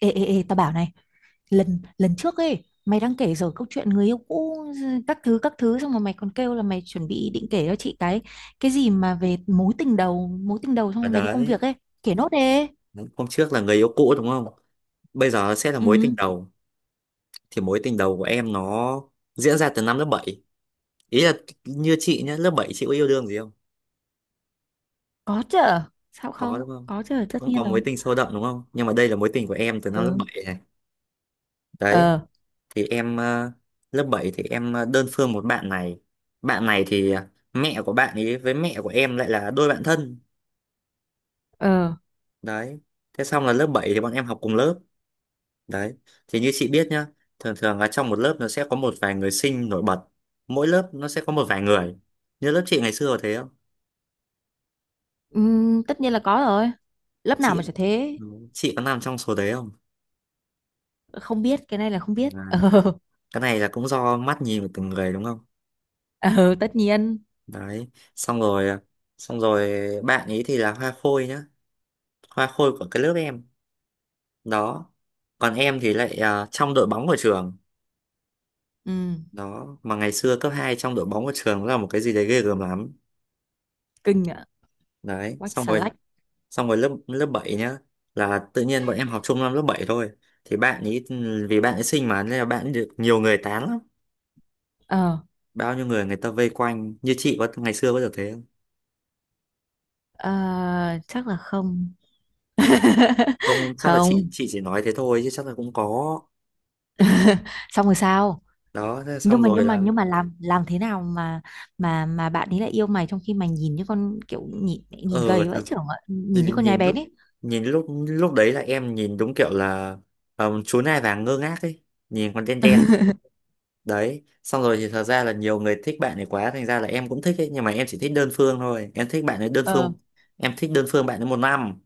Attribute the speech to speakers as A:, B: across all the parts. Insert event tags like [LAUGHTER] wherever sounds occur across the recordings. A: Ê, ê, ê, tao bảo này. Lần lần trước ấy mày đang kể rồi câu chuyện người yêu cũ, ừ, các thứ các thứ, xong rồi mày còn kêu là mày chuẩn bị định kể cho chị cái gì mà về mối tình đầu, mối tình đầu, xong
B: Và
A: rồi mày đi công
B: đấy,
A: việc ấy. Kể nốt đi.
B: hôm trước là người yêu cũ đúng không? Bây giờ sẽ là mối
A: Ừ,
B: tình đầu. Thì mối tình đầu của em nó diễn ra từ năm lớp bảy. Ý là như chị nhá, lớp 7 chị có yêu đương gì không?
A: có chứ. Sao
B: Có
A: không
B: đúng không?
A: có chứ, tất
B: Không
A: nhiên
B: có
A: rồi.
B: mối tình sâu đậm đúng không? Nhưng mà đây là mối tình của em từ năm lớp
A: Ừ.
B: 7 này. Đấy,
A: Ờ.
B: thì em lớp 7 thì em đơn phương một bạn này. Bạn này thì mẹ của bạn ấy với mẹ của em lại là đôi bạn thân.
A: Ờ.
B: Đấy. Thế xong là lớp 7 thì bọn em học cùng lớp. Đấy, thì như chị biết nhá, thường thường là trong một lớp nó sẽ có một vài người sinh nổi bật. Mỗi lớp nó sẽ có một vài người. Như lớp chị ngày xưa có thế không?
A: Ừ, tất nhiên là có rồi, lớp nào mà chả
B: Chị
A: thế.
B: ừ, chị có nằm trong số đấy không?
A: Không biết, cái này là không biết
B: Đấy. Cái này là cũng do mắt nhìn của từng người đúng không?
A: [LAUGHS] Ờ, tất nhiên.
B: Đấy, xong rồi xong rồi bạn ấy thì là hoa khôi nhá, hoa khôi của cái lớp em. Đó. Còn em thì lại trong đội bóng của trường.
A: Ừ,
B: Đó, mà ngày xưa cấp 2 trong đội bóng của trường là một cái gì đấy ghê gớm lắm.
A: kinh ạ,
B: Đấy,
A: quách
B: xong
A: xà
B: rồi
A: lách.
B: xong rồi lớp lớp 7 nhá, là tự nhiên bọn em học chung năm lớp 7 thôi, thì bạn ấy, vì bạn ấy xinh mà nên là bạn ấy được nhiều người tán lắm,
A: Ờ.
B: bao nhiêu người người ta vây quanh như chị có ngày xưa có được thế không.
A: Ờ, chắc là không.
B: à,
A: [LAUGHS]
B: Không, chắc là chị
A: Không.
B: chị chỉ nói thế thôi chứ chắc là cũng có.
A: [LAUGHS] Xong rồi sao?
B: Đó thế
A: nhưng
B: xong
A: mà
B: rồi
A: nhưng mà
B: là
A: nhưng mà làm thế nào mà bạn ấy lại yêu mày, trong khi mày nhìn như con, kiểu nhìn nhìn
B: ờ
A: gầy vãi
B: thật-
A: chưởng ạ, nhìn như con nhái
B: nhìn
A: bén
B: lúc
A: ấy.
B: nhìn lúc lúc đấy là em nhìn đúng kiểu là chú nai vàng ngơ ngác ấy, nhìn còn đen đen.
A: [LAUGHS]
B: Đấy xong rồi thì thật ra là nhiều người thích bạn ấy quá thành ra là em cũng thích ấy, nhưng mà em chỉ thích đơn phương thôi, em thích bạn ấy đơn
A: Ờ.
B: phương. Em thích đơn phương bạn ấy một năm,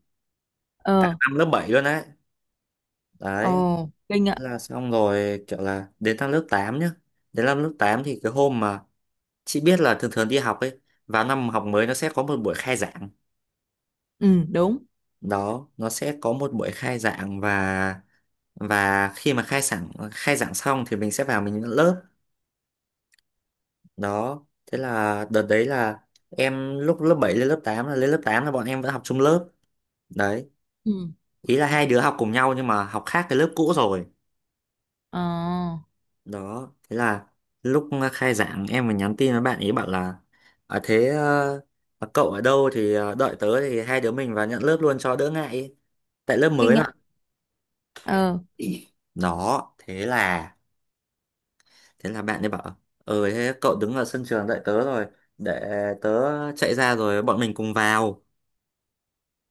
B: cả
A: Ờ.
B: năm lớp 7 luôn đấy.
A: Ồ,
B: Đấy.
A: kinh ạ.
B: Là xong rồi kiểu là đến năm lớp 8 nhá. Đến năm lớp 8 thì cái hôm mà, chị biết là thường thường đi học ấy, vào năm học mới nó sẽ có một buổi khai giảng.
A: Ừ, đúng.
B: Đó, nó sẽ có một buổi khai giảng và khi mà khai giảng xong thì mình sẽ vào mình nhận lớp. Đó. Thế là đợt đấy là em lúc lớp 7 lên lớp tám là bọn em vẫn học chung lớp. Đấy,
A: Ừ.
B: ý là hai đứa học cùng nhau nhưng mà học khác cái lớp cũ rồi.
A: Ờ,
B: Đó, thế là lúc khai giảng em mới nhắn tin với bạn ấy bảo là à, thế ờ, mà cậu ở đâu thì đợi tớ thì hai đứa mình vào nhận lớp luôn cho đỡ ngại ý, tại lớp
A: kinh
B: mới mà.
A: ạ. Ờ.
B: Đó, thế là bạn ấy bảo thế cậu đứng ở sân trường đợi tớ rồi, để tớ chạy ra rồi bọn mình cùng vào.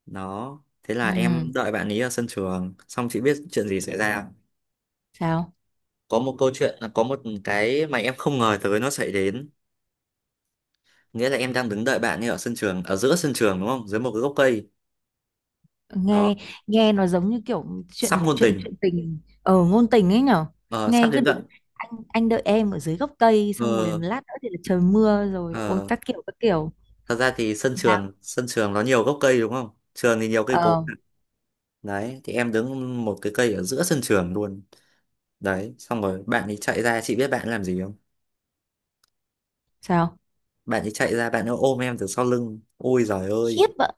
B: Đó, thế là em
A: Ừ.
B: đợi bạn ấy ở sân trường, xong chị biết chuyện gì xảy ra.
A: Sao?
B: Có một cái mà em không ngờ tới nó xảy đến. Nghĩa là em đang đứng đợi bạn ấy ở sân trường, ở giữa sân trường đúng không? Dưới một cái gốc cây.
A: nghe
B: Đó,
A: nghe nó giống như kiểu
B: sắp
A: chuyện
B: ngôn
A: chuyện
B: tình,
A: chuyện tình ở ngôn tình ấy nhở.
B: ờ, sắp
A: Nghe cứ
B: đến
A: đứng,
B: đoạn.
A: anh đợi em ở dưới gốc cây, xong rồi
B: Ờ,
A: lát nữa thì là trời mưa rồi, ôi
B: ờ.
A: các kiểu các kiểu.
B: Thật ra thì sân trường,
A: Sao?
B: sân trường nó nhiều gốc cây đúng không? Trường thì nhiều cây cối.
A: Ờ.
B: Đấy, thì em đứng một cái cây ở giữa sân trường luôn. Đấy, xong rồi bạn ấy chạy ra, chị biết bạn ấy làm gì không?
A: Sao?
B: Bạn ấy chạy ra, bạn ấy ôm em từ sau lưng. Ôi giời ơi.
A: Khiếp ạ.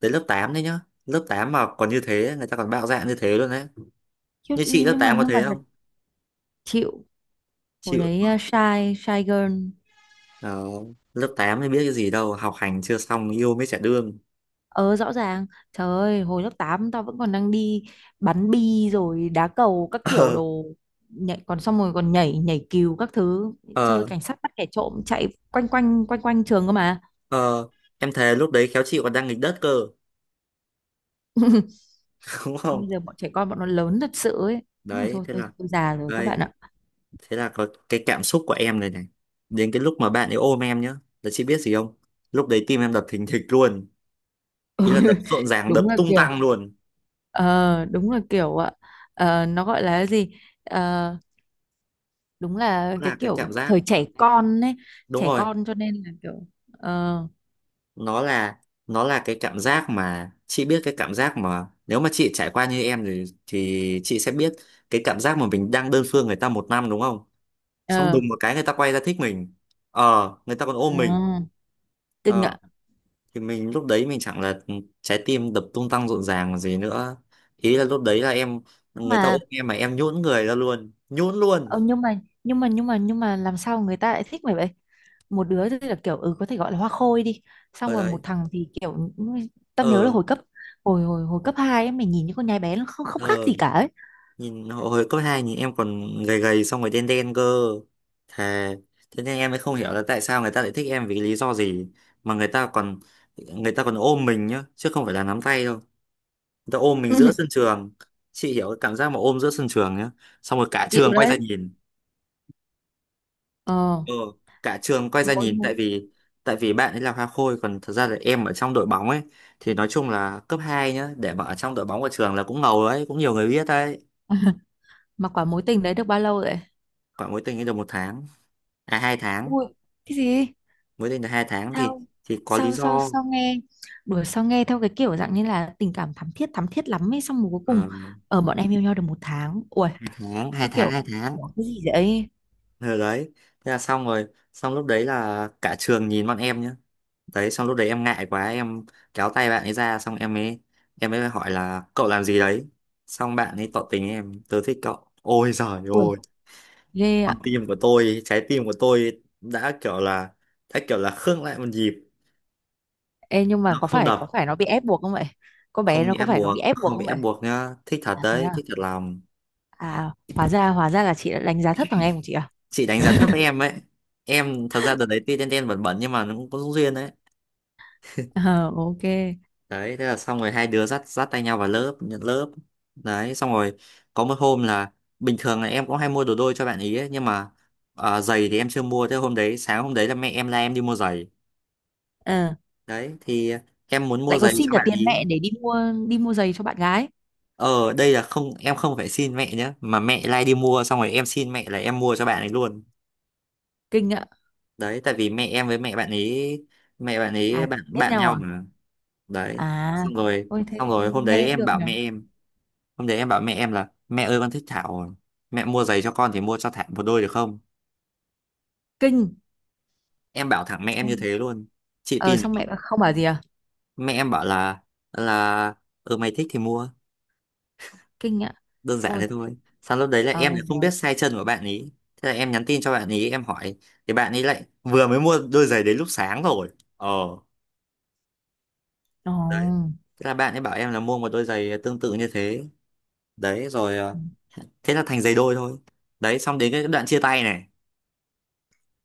B: Đến lớp 8 đấy nhá. Lớp 8 mà còn như thế, người ta còn bạo dạn như thế luôn đấy.
A: Khiếp,
B: Như chị lớp
A: nhưng mà
B: 8 có
A: nhưng mà
B: thế
A: thật,
B: không?
A: chịu. Hồi
B: Chịu đúng
A: đấy à,
B: không?
A: shy shy girl.
B: Ờ, lớp 8 thì biết cái gì đâu, học hành chưa xong yêu mới chả đương.
A: Ờ, rõ ràng. Trời ơi, hồi lớp 8 tao vẫn còn đang đi bắn bi rồi đá cầu các
B: [LAUGHS]
A: kiểu
B: Ờ,
A: đồ, nhảy còn, xong rồi còn nhảy nhảy cừu các thứ, chơi
B: ờ,
A: cảnh sát bắt kẻ trộm chạy quanh quanh quanh quanh trường cơ mà.
B: ờ. Em thề lúc đấy khéo chị còn đang nghịch đất cơ,
A: [LAUGHS]
B: [LAUGHS] đúng không?
A: Bây giờ bọn trẻ con, bọn nó lớn thật sự ấy. Đúng rồi,
B: Đấy,
A: thôi
B: thế là
A: tôi già rồi các bạn
B: đây,
A: ạ.
B: thế là có cái cảm xúc của em này này. Đến cái lúc mà bạn ấy ôm em nhá, là chị biết gì không? Lúc đấy tim em đập thình thịch luôn, ý là đập rộn
A: [LAUGHS]
B: ràng, đập
A: Đúng là
B: tung
A: kiểu.
B: tăng luôn.
A: Ờ, đúng là kiểu ạ. Ờ, nó gọi là cái gì. Ờ, đúng là
B: Đó
A: cái
B: là cái
A: kiểu
B: cảm giác,
A: thời trẻ con ấy.
B: đúng
A: Trẻ
B: rồi.
A: con cho nên là kiểu. Ờ.
B: nó là nó là cái cảm giác mà, chị biết cái cảm giác mà nếu mà chị trải qua như em thì chị sẽ biết, cái cảm giác mà mình đang đơn phương người ta một năm đúng không, xong
A: Ờ.
B: đùng một cái người ta quay ra thích mình, người ta còn
A: À,
B: ôm mình.
A: kinh
B: ờ
A: ạ.
B: thì mình lúc đấy mình chẳng là trái tim đập tung tăng rộn ràng còn gì nữa. Ý là lúc đấy là em, người ta
A: Mà
B: ôm em mà em nhũn người ra luôn, nhũn luôn.
A: ờ, nhưng mà làm sao người ta lại thích mày vậy? Một đứa thì là kiểu, ừ, có thể gọi là hoa khôi đi, xong
B: Ở
A: rồi một
B: đấy.
A: thằng thì kiểu, ừ, tao nhớ là
B: Ờ.
A: hồi cấp 2 ấy, mày nhìn những con nhái bé, nó không không khác
B: Ờ.
A: gì cả ấy.
B: Nhìn hồi hồi cấp 2 nhìn em còn gầy gầy xong rồi đen đen cơ, thề. Thế nên em mới không hiểu là tại sao người ta lại thích em vì lý do gì, mà người ta còn, người ta còn ôm mình nhá chứ không phải là nắm tay đâu, người ta ôm mình giữa sân
A: [LAUGHS]
B: trường. Chị hiểu cái cảm giác mà ôm giữa sân trường nhá, xong rồi cả
A: Chịu
B: trường quay
A: đấy.
B: ra nhìn.
A: Ờ.
B: Ừ, cả trường quay
A: mà
B: ra
A: mối,
B: nhìn
A: mối
B: tại vì bạn ấy là hoa khôi còn thật ra là em ở trong đội bóng ấy, thì nói chung là cấp 2 nhá, để mà ở trong đội bóng của trường là cũng ngầu đấy, cũng nhiều người biết đấy.
A: mà quả mối tình đấy được bao lâu vậy?
B: Khoảng mối tình ấy được một tháng, à hai tháng.
A: Ui, cái gì?
B: Mới đây là hai tháng thì
A: Sao,
B: thì có lý
A: sao, sao,
B: do.
A: sao, nghe đuổi. Sao nghe theo cái kiểu dạng như là tình cảm thắm thiết, thắm thiết lắm ấy, xong rồi cuối
B: Ờ,
A: cùng ở bọn em yêu nhau được một tháng. Ui,
B: hai tháng, hai
A: tao
B: tháng,
A: kiểu
B: hai tháng.
A: "Ủa, cái gì vậy?".
B: Rồi đấy, thế là xong rồi. Xong lúc đấy là cả trường nhìn bọn em nhá, đấy xong lúc đấy em ngại quá em kéo tay bạn ấy ra, xong em ấy hỏi là cậu làm gì đấy, xong bạn ấy tỏ tình em, tớ thích cậu. Ôi giời
A: Ui,
B: ôi,
A: ghê.
B: con tim của tôi trái tim của tôi đã kiểu là khựng lại một nhịp,
A: Ê, nhưng
B: nó
A: mà có
B: không
A: phải có
B: đập.
A: phải nó bị ép buộc không vậy? Con bé
B: Không
A: nó
B: bị
A: có
B: ép
A: phải nó
B: buộc,
A: bị ép buộc
B: không
A: không
B: bị
A: vậy?
B: ép buộc nhá, thích thật
A: À thế
B: đấy,
A: à?
B: thích thật lòng.
A: À, hóa ra là chị đã đánh giá thấp thằng em của chị à?
B: Chị đánh giá thấp
A: [LAUGHS]
B: em ấy. Em thật ra đợt đấy tuy đen đen bẩn bẩn nhưng mà nó cũng có duyên đấy.
A: Ờ, ok.
B: Đấy thế là xong rồi, hai đứa dắt dắt tay nhau vào lớp nhận lớp. Đấy xong rồi có một hôm là, bình thường là em cũng hay mua đồ đôi cho bạn ý ấy, nhưng mà giày thì em chưa mua, thế hôm đấy sáng hôm đấy là mẹ em la em đi mua giày.
A: Ờ,
B: Đấy thì em muốn mua
A: lại còn
B: giày
A: xin
B: cho
A: cả
B: bạn
A: tiền mẹ
B: ý.
A: để đi mua giày cho bạn gái.
B: Ờ Đây là không, em không phải xin mẹ nhé, mà mẹ lai đi mua xong rồi em xin mẹ là em mua cho bạn ấy luôn.
A: Kinh ạ.
B: Đấy, tại vì mẹ em với mẹ bạn ấy, mẹ bạn ấy
A: À,
B: bạn
A: biết
B: bạn
A: nhau
B: nhau
A: à?
B: mà. Đấy,
A: À,
B: xong rồi
A: ôi
B: xong
A: thế
B: rồi hôm đấy
A: nghe cũng
B: em
A: được
B: bảo
A: nhỉ.
B: mẹ em, là mẹ ơi con thích Thảo, mẹ mua giày cho con thì mua cho Thảo một đôi được không.
A: Kinh.
B: Em bảo thẳng mẹ em như
A: Xong-
B: thế luôn, chị
A: Ờ
B: tin
A: xong
B: được
A: mẹ bảo- không bảo gì à?
B: không? Mẹ em bảo là, là ừ mày thích thì mua,
A: Kinh ạ.
B: đơn giản
A: Ôi.
B: thế thôi. Xong lúc đấy là
A: Ờ,
B: em lại không
A: được.
B: biết size chân của bạn ý thế là em nhắn tin cho bạn ý em hỏi, thì bạn ấy lại vừa mới mua đôi giày đấy lúc sáng rồi. ờ
A: Ờ.
B: Đấy, thế là bạn ấy bảo em là mua một đôi giày tương tự như thế, đấy rồi thế là thành giày đôi thôi. Đấy, xong đến cái đoạn chia tay này.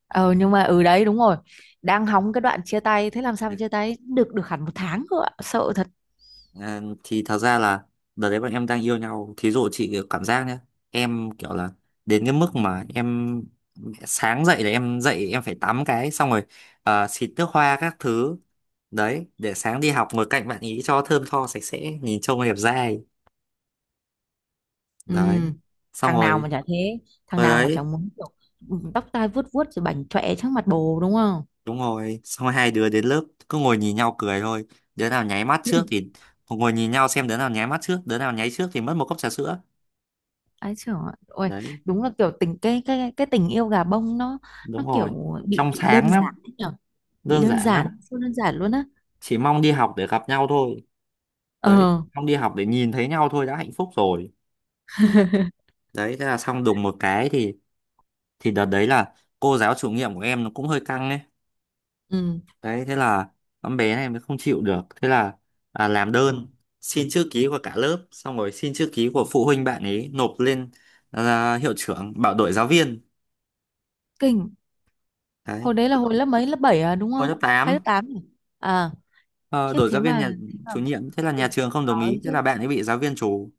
A: Ờ, nhưng mà ừ, đấy đúng rồi. Đang hóng cái đoạn chia tay, thế làm sao mà chia tay được được hẳn một tháng cơ ạ. Sợ.
B: Thì thật ra là đợt đấy bọn em đang yêu nhau, thí dụ chị cảm giác nhé, em kiểu là đến cái mức mà em sáng dậy là em dậy em phải tắm cái xong rồi xịt nước hoa các thứ, đấy để sáng đi học ngồi cạnh bạn ý cho thơm tho sạch sẽ nhìn trông đẹp dai.
A: Ừ,
B: Đấy xong
A: thằng nào
B: rồi,
A: mà chả thế, thằng
B: rồi
A: nào mà
B: đấy,
A: chẳng muốn kiểu, ừ, tóc tai vuốt vuốt rồi bảnh chọe trước mặt bồ đúng không?
B: đúng rồi xong rồi hai đứa đến lớp cứ ngồi nhìn nhau cười thôi, đứa nào nháy mắt
A: [LAUGHS]
B: trước
A: Ừ.
B: thì, ngồi nhìn nhau xem đứa nào nháy mắt trước, đứa nào nháy trước thì mất một cốc trà sữa.
A: Ấy trời ơi,
B: Đấy.
A: đúng là kiểu tình cái tình yêu gà bông, nó
B: Đúng
A: kiểu
B: rồi,
A: bị
B: trong
A: bị đơn
B: sáng
A: giản
B: lắm,
A: ấy nhở, bị
B: đơn
A: đơn
B: giản lắm.
A: giản, siêu đơn giản luôn á.
B: Chỉ mong đi học để gặp nhau thôi, đấy
A: Ờ.
B: mong đi học để nhìn thấy nhau thôi đã hạnh phúc rồi.
A: [LAUGHS]
B: Đấy thế là xong đùng một cái thì, đợt đấy là cô giáo chủ nhiệm của em nó cũng hơi căng ấy.
A: Ừ,
B: Đấy thế là con bé này mới không chịu được, thế là làm đơn xin chữ ký của cả lớp xong rồi xin chữ ký của phụ huynh bạn ấy nộp lên, hiệu trưởng bảo đổi giáo viên.
A: kinh.
B: Đấy
A: Hồi đấy là hồi lớp mấy, lớp 7 à đúng
B: hồi
A: không?
B: lớp
A: Hay lớp
B: tám.
A: 8 nhỉ? À,
B: Ờ,
A: khiếp,
B: Đổi
A: thế
B: giáo viên nhà
A: mà thế mà
B: chủ nhiệm, thế là nhà
A: ui,
B: trường không đồng
A: nói
B: ý
A: chứ
B: thế là bạn ấy bị giáo viên trù.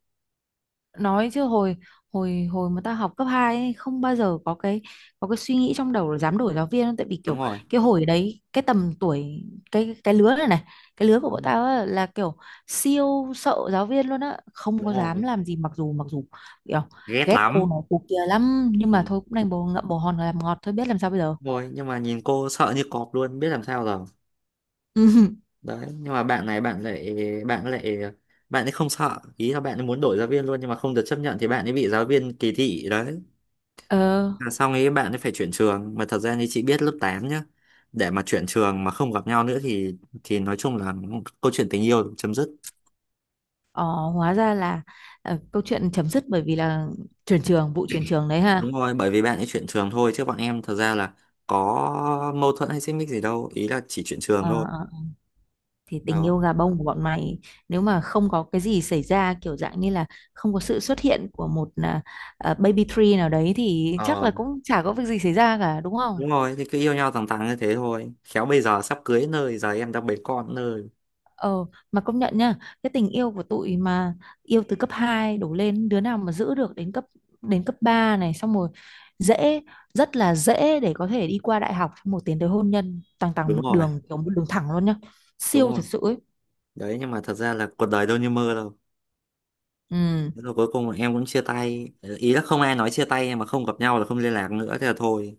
A: nói chứ hồi, hồi mà ta học cấp 2 ấy, không bao giờ có cái, suy nghĩ trong đầu là dám đổi giáo viên đâu. Tại vì
B: Đúng
A: kiểu,
B: rồi.
A: cái hồi đấy, cái tầm tuổi, cái lứa này này, cái lứa của
B: Đúng
A: bọn
B: rồi.
A: tao á, là kiểu siêu sợ giáo viên luôn á, không
B: Đúng
A: có dám
B: rồi.
A: làm gì, mặc dù kiểu
B: Ghét
A: ghét
B: lắm.
A: cô nó cô kia lắm, nhưng mà
B: Ừ.
A: thôi cũng đành bồ ngậm bồ hòn làm ngọt thôi, biết làm sao bây giờ.
B: Rồi nhưng mà nhìn cô sợ như cọp luôn biết làm sao rồi.
A: [LAUGHS]
B: Đấy nhưng mà bạn này, bạn lại bạn ấy không sợ, ý là bạn ấy muốn đổi giáo viên luôn nhưng mà không được chấp nhận thì bạn ấy bị giáo viên kỳ thị. Đấy
A: Ờ.
B: là xong ấy, bạn ấy phải chuyển trường, mà thật ra như chị biết lớp 8 nhá, để mà chuyển trường mà không gặp nhau nữa thì, nói chung là câu chuyện tình yêu chấm dứt.
A: Ờ, hóa ra là ờ, câu chuyện chấm dứt bởi vì là chuyển trường vụ chuyển trường đấy ha.
B: Đúng rồi, bởi vì bạn ấy chuyển trường thôi chứ bọn em thật ra là có mâu thuẫn hay xích mích gì đâu, ý là chỉ chuyển trường
A: Ờ,
B: thôi.
A: ờ. Thì tình
B: Đó.
A: yêu gà bông của bọn mày, nếu mà không có cái gì xảy ra kiểu dạng như là không có sự xuất hiện của một baby tree nào đấy thì chắc
B: Ờ,
A: là cũng chả có việc gì xảy ra cả đúng không?
B: đúng rồi, thì cứ yêu nhau thẳng thắn như thế thôi khéo bây giờ sắp cưới nơi, giờ em đang bế con nơi.
A: Ờ, mà công nhận nha, cái tình yêu của tụi mà yêu từ cấp 2 đổ lên, đứa nào mà giữ được đến cấp 3 này, xong rồi dễ rất là dễ để có thể đi qua đại học, xong rồi tiến tới hôn nhân tằng tằng
B: Đúng
A: một
B: rồi.
A: đường, kiểu một đường thẳng luôn nhá.
B: Đúng
A: Siêu thật
B: rồi.
A: sự ấy.
B: Đấy nhưng mà thật ra là cuộc đời đâu như mơ đâu.
A: Ừ.
B: Thế rồi cuối cùng em cũng chia tay. Ờ, ý là không ai nói chia tay mà không gặp nhau là không liên lạc nữa thế là thôi.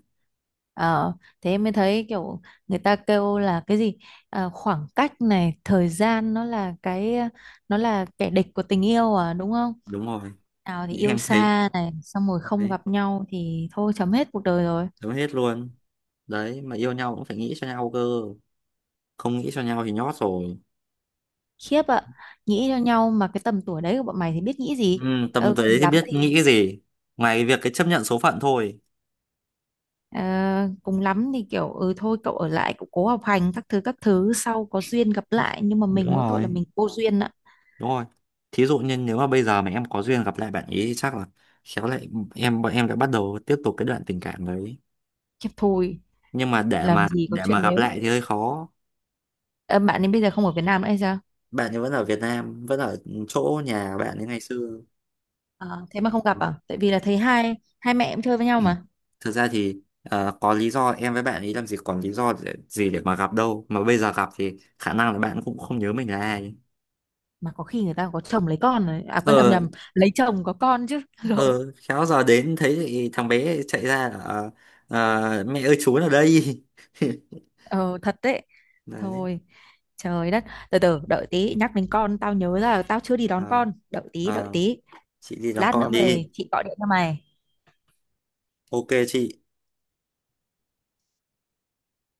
A: Ờ, thế em mới thấy kiểu, người ta kêu là cái gì, à, khoảng cách này thời gian, nó là kẻ địch của tình yêu à đúng không?
B: Đúng rồi.
A: Nào thì yêu
B: Em thấy
A: xa này, xong rồi không
B: đấy,
A: gặp nhau thì thôi chấm hết cuộc đời rồi.
B: chấm hết luôn. Đấy mà yêu nhau cũng phải nghĩ cho nhau cơ, không nghĩ cho nhau thì nhót rồi.
A: Khiếp ạ. Nghĩ cho nhau mà cái tầm tuổi đấy của bọn mày thì biết nghĩ gì.
B: Ừ, tầm
A: Ừ,
B: tuổi đấy thì biết nghĩ cái gì ngoài cái việc cái chấp nhận số phận thôi.
A: ờ, cùng lắm thì kiểu, ừ thôi cậu ở lại cậu cố học hành các thứ các thứ, sau có duyên gặp lại, nhưng mà mình
B: Đúng
A: mỗi tội là
B: rồi.
A: mình vô duyên ạ.
B: Đúng rồi. Thí dụ như nếu mà bây giờ mà em có duyên gặp lại bạn ý thì chắc là khéo lại, bọn em đã bắt đầu tiếp tục cái đoạn tình cảm đấy.
A: Khiếp thôi.
B: Nhưng mà để
A: Làm
B: mà
A: gì có
B: để
A: chuyện.
B: mà gặp
A: Nếu.
B: lại thì hơi khó.
A: Ờ, bạn ấy bây giờ không ở Việt Nam nữa hay sao?
B: Bạn ấy vẫn ở Việt Nam, vẫn ở chỗ nhà bạn ấy ngày xưa.
A: Ờ, thế mà không gặp à? Tại vì là thấy hai hai mẹ em chơi với nhau mà.
B: Thực ra thì có lý do, em với bạn ấy làm gì còn gì để mà gặp đâu. Mà bây giờ gặp thì khả năng là bạn cũng không nhớ mình là ai.
A: Mà có khi người ta có chồng lấy con rồi. À quên, âm
B: Ờ,
A: nhầm, lấy chồng có con chứ. [LAUGHS] Lộn.
B: ờ, khéo giờ đến thấy thì thằng bé chạy ra là mẹ ơi chú ở đây. [LAUGHS]
A: Ờ, thật đấy.
B: Đấy.
A: Thôi, trời đất. Từ từ đợi tí, nhắc đến con tao nhớ ra là tao chưa đi
B: Ờ.
A: đón con. Đợi tí, đợi
B: Ờ.
A: tí.
B: Chị đi làm
A: Lát nữa
B: con
A: về
B: đi.
A: chị gọi điện cho mày.
B: OK chị.